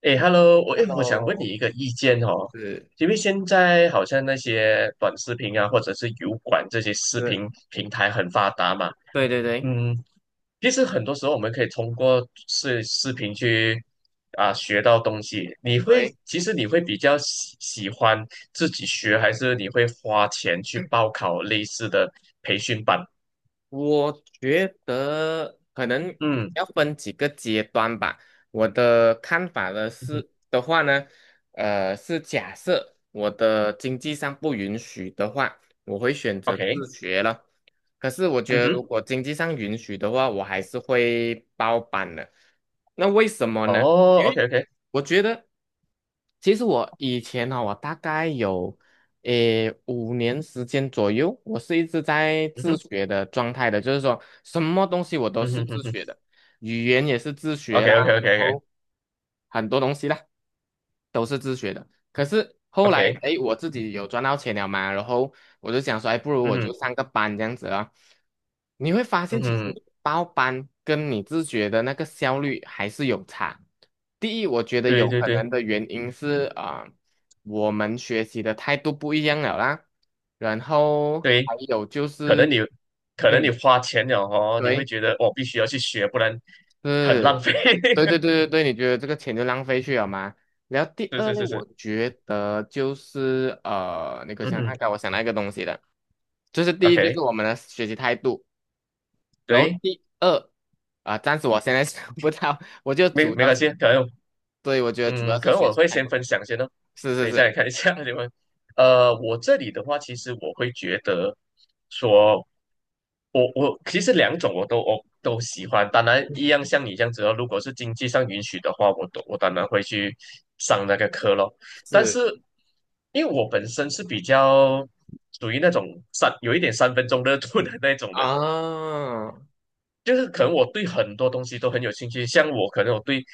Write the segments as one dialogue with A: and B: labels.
A: 哎，Hello，诶我想问你
B: Hello，
A: 一个意见哦。
B: 是
A: 因为现在好像那些短视频啊，或者是油管这些视
B: 是，
A: 频平台很发达嘛。
B: 对对对对
A: 嗯。其实很多时候我们可以通过视频去学到东西。
B: 对，
A: 其实你会比较喜欢自己学，还是你会花钱去报考类似的培训班？
B: 我觉得可能
A: 嗯
B: 要分几个阶段吧。我的看法呢
A: 嗯哼
B: 是的话呢，是假设我的经济上不允许的话，我会选择
A: ，OK。
B: 自学了。可是我觉
A: 嗯
B: 得，如
A: 哼。
B: 果经济上允许的话，我还是会包办的。那为什么呢？
A: 哦
B: 因为
A: ，OK OK。
B: 我觉得，其实我以前呢、我大概有5年时间左右，我是一直在
A: 嗯
B: 自
A: 哼。
B: 学的状态的，就是说什么东西我都
A: 嗯
B: 是
A: 哼哼
B: 自
A: 哼
B: 学的，语言也是自学
A: ，OK
B: 啦，
A: OK OK
B: 然
A: OK
B: 后很多东西啦。都是自学的。可是后来，
A: OK。
B: 哎，我自己有赚到钱了嘛，然后我就想说，哎，不如
A: 嗯
B: 我就
A: 哼
B: 上个班这样子啊。你会发现，
A: 嗯
B: 其实
A: 哼。
B: 你报班跟你自学的那个效率还是有差。第一，我觉得
A: 对
B: 有
A: 对
B: 可
A: 对
B: 能的原因是啊、我们学习的态度不一样了啦。然后
A: 对。
B: 还有就
A: 可能你
B: 是，
A: 可能你
B: 嗯，
A: 花钱了哦，你会
B: 对。
A: 觉得必须要去学，不然很浪
B: 是，
A: 费。
B: 对对对 对对，你觉得这个钱就浪费去了吗？然后第
A: 是
B: 二
A: 是
B: 类，
A: 是
B: 我
A: 是。
B: 觉得就是我
A: 嗯
B: 想
A: 哼
B: 看看，我想到一个东西的，就是第一就是
A: ，OK。
B: 我们的学习态度，然后
A: 对。
B: 第二啊、暂时我现在 想不到，我就
A: 没
B: 主
A: 没
B: 要
A: 关系，
B: 是，
A: 可能
B: 对，我觉得主要
A: 嗯，
B: 是
A: 可能
B: 学
A: 我
B: 习
A: 会
B: 态
A: 先
B: 度，
A: 分享先哦，
B: 是是
A: 等一下你
B: 是
A: 看一下 我这里的话，其实我会觉得说。我其实两种我都喜欢，当然一样像你这样子哦。如果是经济上允许的话，我当然会去上那个课咯。但
B: 是
A: 是因为我本身是比较属于那种有一点三分钟热度的那种
B: 啊
A: 人，
B: 啊
A: 就是可能我对很多东西都很有兴趣。像我可能我对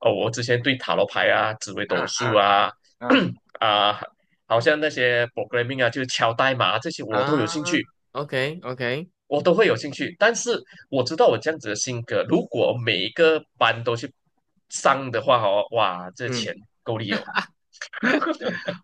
A: 哦，我之前对塔罗牌啊、紫微
B: 啊
A: 斗数
B: 啊
A: 啊，
B: 啊
A: 啊，好像那些 programming 啊，就是敲代码啊这些我都有兴
B: 啊
A: 趣。
B: ，OK OK，
A: 我都会有兴趣，但是我知道我这样子的性格，如果每一个班都去上的话，哦，哇，这
B: 嗯。
A: 钱够力哦。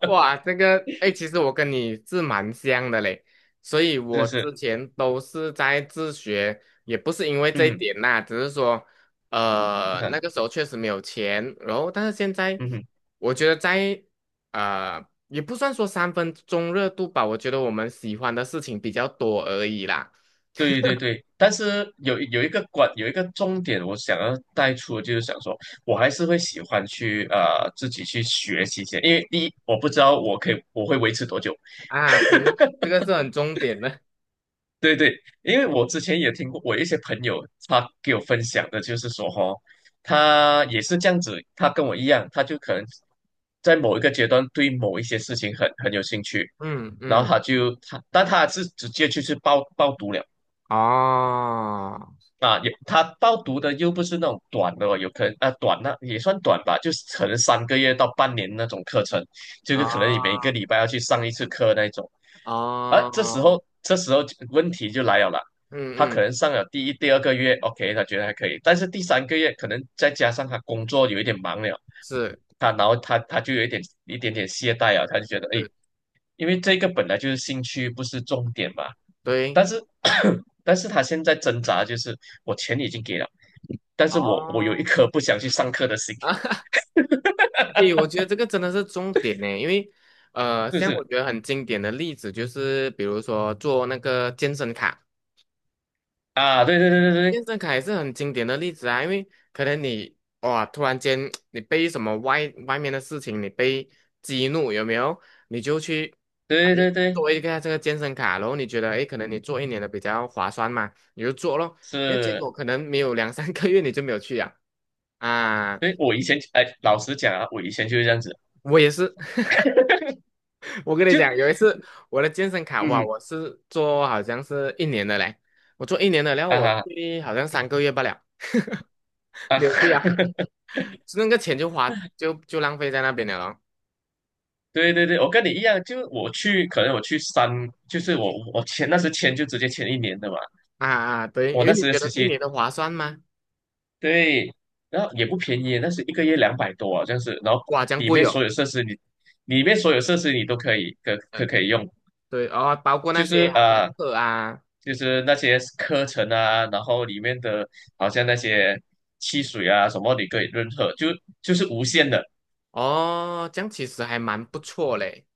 B: 哇，这个，哎，其实我跟你是蛮像的嘞，所以
A: 真
B: 我
A: 的是。
B: 之前都是在自学，也不是因为这一
A: 嗯。
B: 点啦，只是说，
A: 哼。
B: 那个时候确实没有钱，然后但是现在，
A: 嗯哼。
B: 我觉得在，也不算说三分钟热度吧，我觉得我们喜欢的事情比较多而已啦。
A: 对对对。但是有一个重点，我想要带出的就是想说，我还是会喜欢自己去学习一些，因为第一我不知道我可以我会维持多久。
B: 啊，对，这个是很重点的，
A: 对对。因为我之前也听过，我一些朋友他给我分享的，就是说他也是这样子，他跟我一样，他就可能在某一个阶段对某一些事情很有兴趣，
B: 嗯
A: 然后
B: 嗯，
A: 他就他，但他是直接就是报读了。
B: 哦，
A: 啊，有他报读的又不是那种短的哦，有可能啊短那也算短吧，就是可能三个月到半年那种课程，就是可能你每个礼
B: 哦，
A: 拜要去上一次课那一种。而这时
B: 哦，
A: 候这时候问题就来了啦。
B: 嗯
A: 他可
B: 嗯，
A: 能上了第一、第二个月，OK，他觉得还可以，但是第三个月可能再加上他工作有一点忙了，
B: 是
A: 然后他就有一点点懈怠啊，他就觉得哎，诶
B: 是，
A: 因为这个本来就是兴趣，不是重点嘛。
B: 对。
A: 但是 但是他现在挣扎就是我钱已经给了，但是我有一
B: 哦，
A: 颗不想去上课的心。
B: 诶，我觉得这个真的是重点呢，因为
A: 就
B: 像我
A: 是
B: 觉得很经典的例子就是，比如说做那个健身卡，
A: 啊。对对对对
B: 健身卡也是很经典的例子啊，因为可能你哇，突然间 你被什么外面的事情你被激怒，有没有？你就去哎
A: 对对对对。
B: 做一个这个健身卡，然后你觉得哎，诶可能你做一年的比较划算嘛，你就做咯，那结
A: 是。
B: 果可能没有两三个月你就没有去啊。啊，
A: 对我以前老实讲啊，我以前就是这样子。
B: 我也是，我跟你
A: 就
B: 讲，有一次我的健身卡，哇，
A: 嗯
B: 我是做好像是一年的嘞，我做一年的，然后
A: 啊
B: 我
A: 哈
B: 去好像三个月不了，
A: 啊，
B: 没有去啊，那个钱就花就就浪费在那边了咯。
A: 对对对。我跟你一样，就我去可能我去三，就是我签那时签就直接签一年的嘛。
B: 啊啊，啊对，
A: 我
B: 因为
A: 那
B: 你
A: 时
B: 觉
A: 其实
B: 得一
A: 习。
B: 年的划算吗？
A: 对。然后也不便宜，那是一个月200多啊，这样子。然后
B: 哇，这样
A: 里
B: 贵
A: 面
B: 哦。
A: 所有设施你，里面所有设施你都可以可
B: 呃，
A: 可可以用，
B: 对哦，包括
A: 就
B: 那些
A: 是
B: 好像
A: 呃，
B: 课啊，
A: 就是那些课程啊，然后里面的好像那些汽水啊什么，你可以任喝，就是无限的。
B: 哦，这样其实还蛮不错嘞。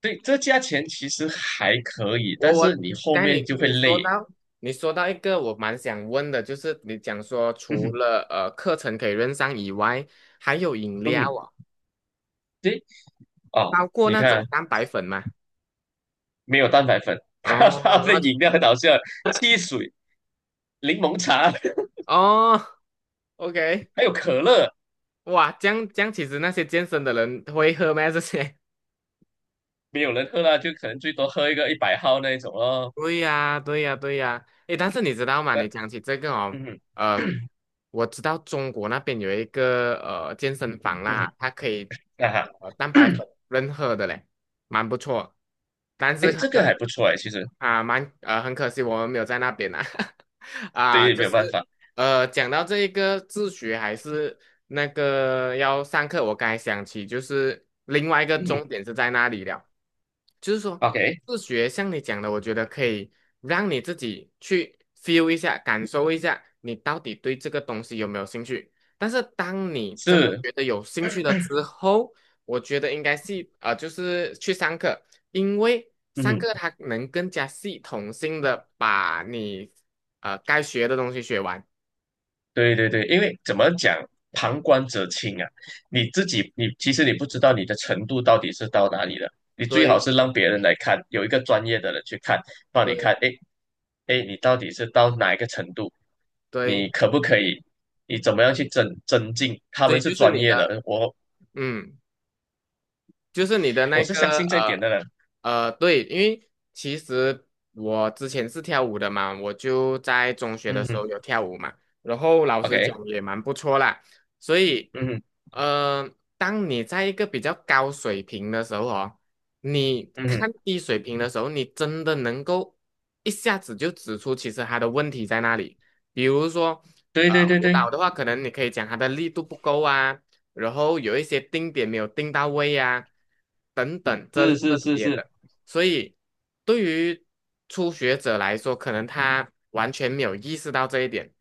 A: 对，这价钱其实还可以，
B: 我
A: 但是
B: 我
A: 你后
B: 刚才你
A: 面就会
B: 你说
A: 累。
B: 到一个我蛮想问的，就是你讲说
A: 嗯
B: 除
A: 哼。
B: 了课程可以认上以外，还有饮
A: 嗯
B: 料
A: 哼。
B: 啊。
A: 对哦，
B: 包过
A: 你
B: 那种
A: 看
B: 蛋白粉吗？
A: 没有蛋白粉。
B: 哦，
A: 它的
B: 那
A: 饮料很好笑，汽水、柠檬茶。
B: 哦，OK，
A: 还有可乐。
B: 哇，这样这样，其实那些健身的人会喝吗？这些
A: 没有人喝啦，就可能最多喝一个一百号那一种咯。
B: 对呀，对呀，对呀。诶，但是你知道吗？
A: 但
B: 你讲起这个哦，
A: 嗯
B: 呃，我知道中国那边有一个健身房
A: 嗯。
B: 啦，它可以
A: 啊哈。
B: 蛋白 粉任喝的嘞，蛮不错。但 是
A: 哎，
B: 很
A: 这个
B: 可
A: 还不错哎，其实
B: 啊，蛮很可惜我们没有在那边啊。啊，
A: 对，
B: 就
A: 没有办
B: 是
A: 法。
B: 讲到这一个自学还是那个要上课，我刚才想起就是另外一个
A: 嗯
B: 重点是在那里了。就是说，
A: ，OK。
B: 自学像你讲的，我觉得可以让你自己去 feel 一下，感受一下，你到底对这个东西有没有兴趣。但是当你真的
A: 是。
B: 觉得有兴趣了之后，我觉得应该是就是去上课，因为上
A: 嗯。
B: 课它能更加系统性的把你该学的东西学完。
A: 对对对，因为怎么讲，旁观者清啊。你自己你其实你不知道你的程度到底是到哪里了，你最好
B: 对
A: 是让别人来看，有一个专业的人去看，帮你
B: 对
A: 看，哎哎，诶你到底是到哪一个程度，你
B: 对，
A: 可不可以，你怎么样去增进？他
B: 所以
A: 们是
B: 就是
A: 专
B: 你
A: 业
B: 的
A: 的。我
B: 嗯。就是你的
A: 我
B: 那
A: 是相
B: 个
A: 信这一点的人。
B: 对，因为其实我之前是跳舞的嘛，我就在中学的
A: 嗯
B: 时
A: 哼
B: 候有跳舞嘛，然后老实讲
A: ，OK。
B: 也蛮不错啦，所以
A: 嗯哼。
B: 呃，当你在一个比较高水平的时候哦，你
A: 嗯哼。
B: 看低水平的时候，你真的能够一下子就指出其实他的问题在哪里，比如说
A: 对
B: 呃
A: 对对
B: 舞
A: 对。
B: 蹈的话，可能你可以讲他的力度不够啊。然后有一些定点没有定到位呀、等等这
A: 是
B: 这
A: 是是
B: 些
A: 是。
B: 的，所以对于初学者来说，可能他完全没有意识到这一点。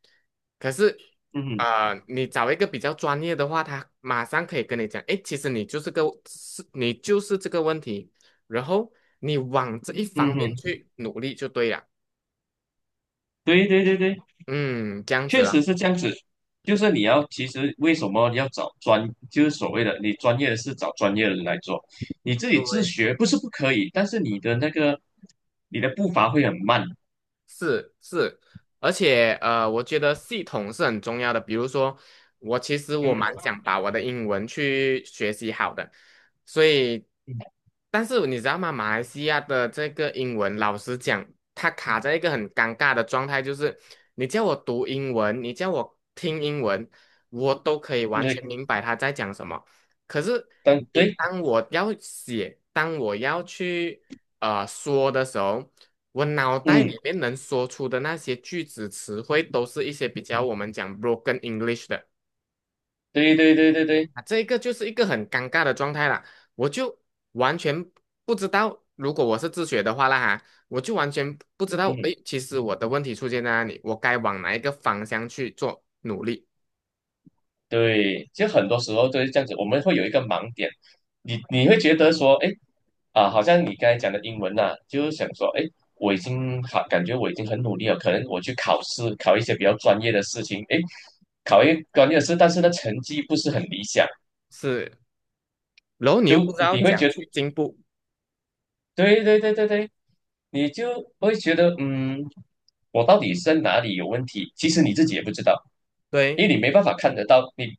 B: 可是，
A: 嗯哼。
B: 你找一个比较专业的话，他马上可以跟你讲，诶，其实你就是这个问题，然后你往这一
A: 嗯
B: 方面
A: 哼。
B: 去努力就对了。
A: 对对对对。
B: 嗯，这样子
A: 确实
B: 了。
A: 是这样子，就是其实为什么要找就是所谓的你专业的事找专业的人来做。你自己自
B: 对
A: 学不是不可以，但是你的步伐会很慢。
B: 是是，而且我觉得系统是很重要的。比如说，我其实
A: 嗯。
B: 蛮想把我的英文去学习好的，所以，但是你知道吗？马来西亚的这个英文，老实讲，它卡在一个很尴尬的状态，就是你叫我读英文，你叫我听英文，我都可以完全
A: 对
B: 明白他在讲什么。可是
A: 但
B: 你
A: 对。
B: 当我要写，当我要去说的时候，我脑袋
A: 嗯。
B: 里面能说出的那些句子词汇，都是一些比较我们讲 broken English 的
A: 对对对对对。
B: 啊，这个就是一个很尴尬的状态啦。我就完全不知道，如果我是自学的话啦哈，我就完全不知道，诶，
A: 嗯。
B: 其实我的问题出现在哪里，我该往哪一个方向去做努力
A: 对，就很多时候都是这样子，我们会有一个盲点，你会觉得说，哎，啊，好像你刚才讲的英文呐、就是想说，哎，我已经好，感觉我已经很努力了，可能我去考试，考一些比较专业的事情，哎，考一专业的事，但是呢，成绩不是很理想。
B: 是，然后你
A: 就
B: 又不知道
A: 你会
B: 讲
A: 觉得。
B: 去进步，
A: 对对对对对。你就会觉得，嗯，我到底是在哪里有问题？其实你自己也不知道，
B: 对。
A: 因为你没办法看得到，你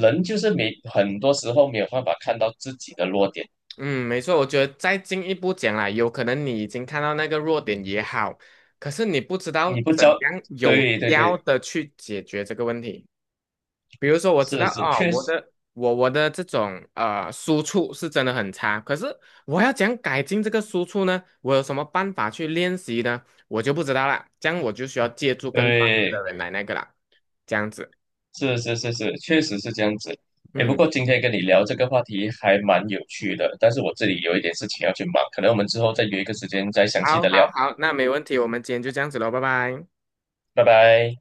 A: 人就是没很多时候没有办法看到自己的弱点。
B: 嗯，没错，我觉得再进一步讲啦，有可能你已经看到那个弱点也好，可是你不知
A: 你
B: 道
A: 不知
B: 怎
A: 道。
B: 样有
A: 对对
B: 效
A: 对。
B: 的去解决这个问题。比如说，我知
A: 是
B: 道
A: 是。
B: 哦，
A: 确
B: 我
A: 实。
B: 的我我的这种输出是真的很差，可是我要怎样改进这个输出呢？我有什么办法去练习呢？我就不知道啦，这样我就需要借助更专业的
A: 对。
B: 人来那个啦，这样子。
A: 是是是是。确实是这样子。哎，不
B: 嗯，
A: 过今天跟你聊这个话题还蛮有趣的，但是我这里有一点事情要去忙，可能我们之后再约一个时间再详细
B: 好，
A: 的聊，
B: 好，好，那没问题，我们今天就这样子喽，拜拜。
A: 拜拜。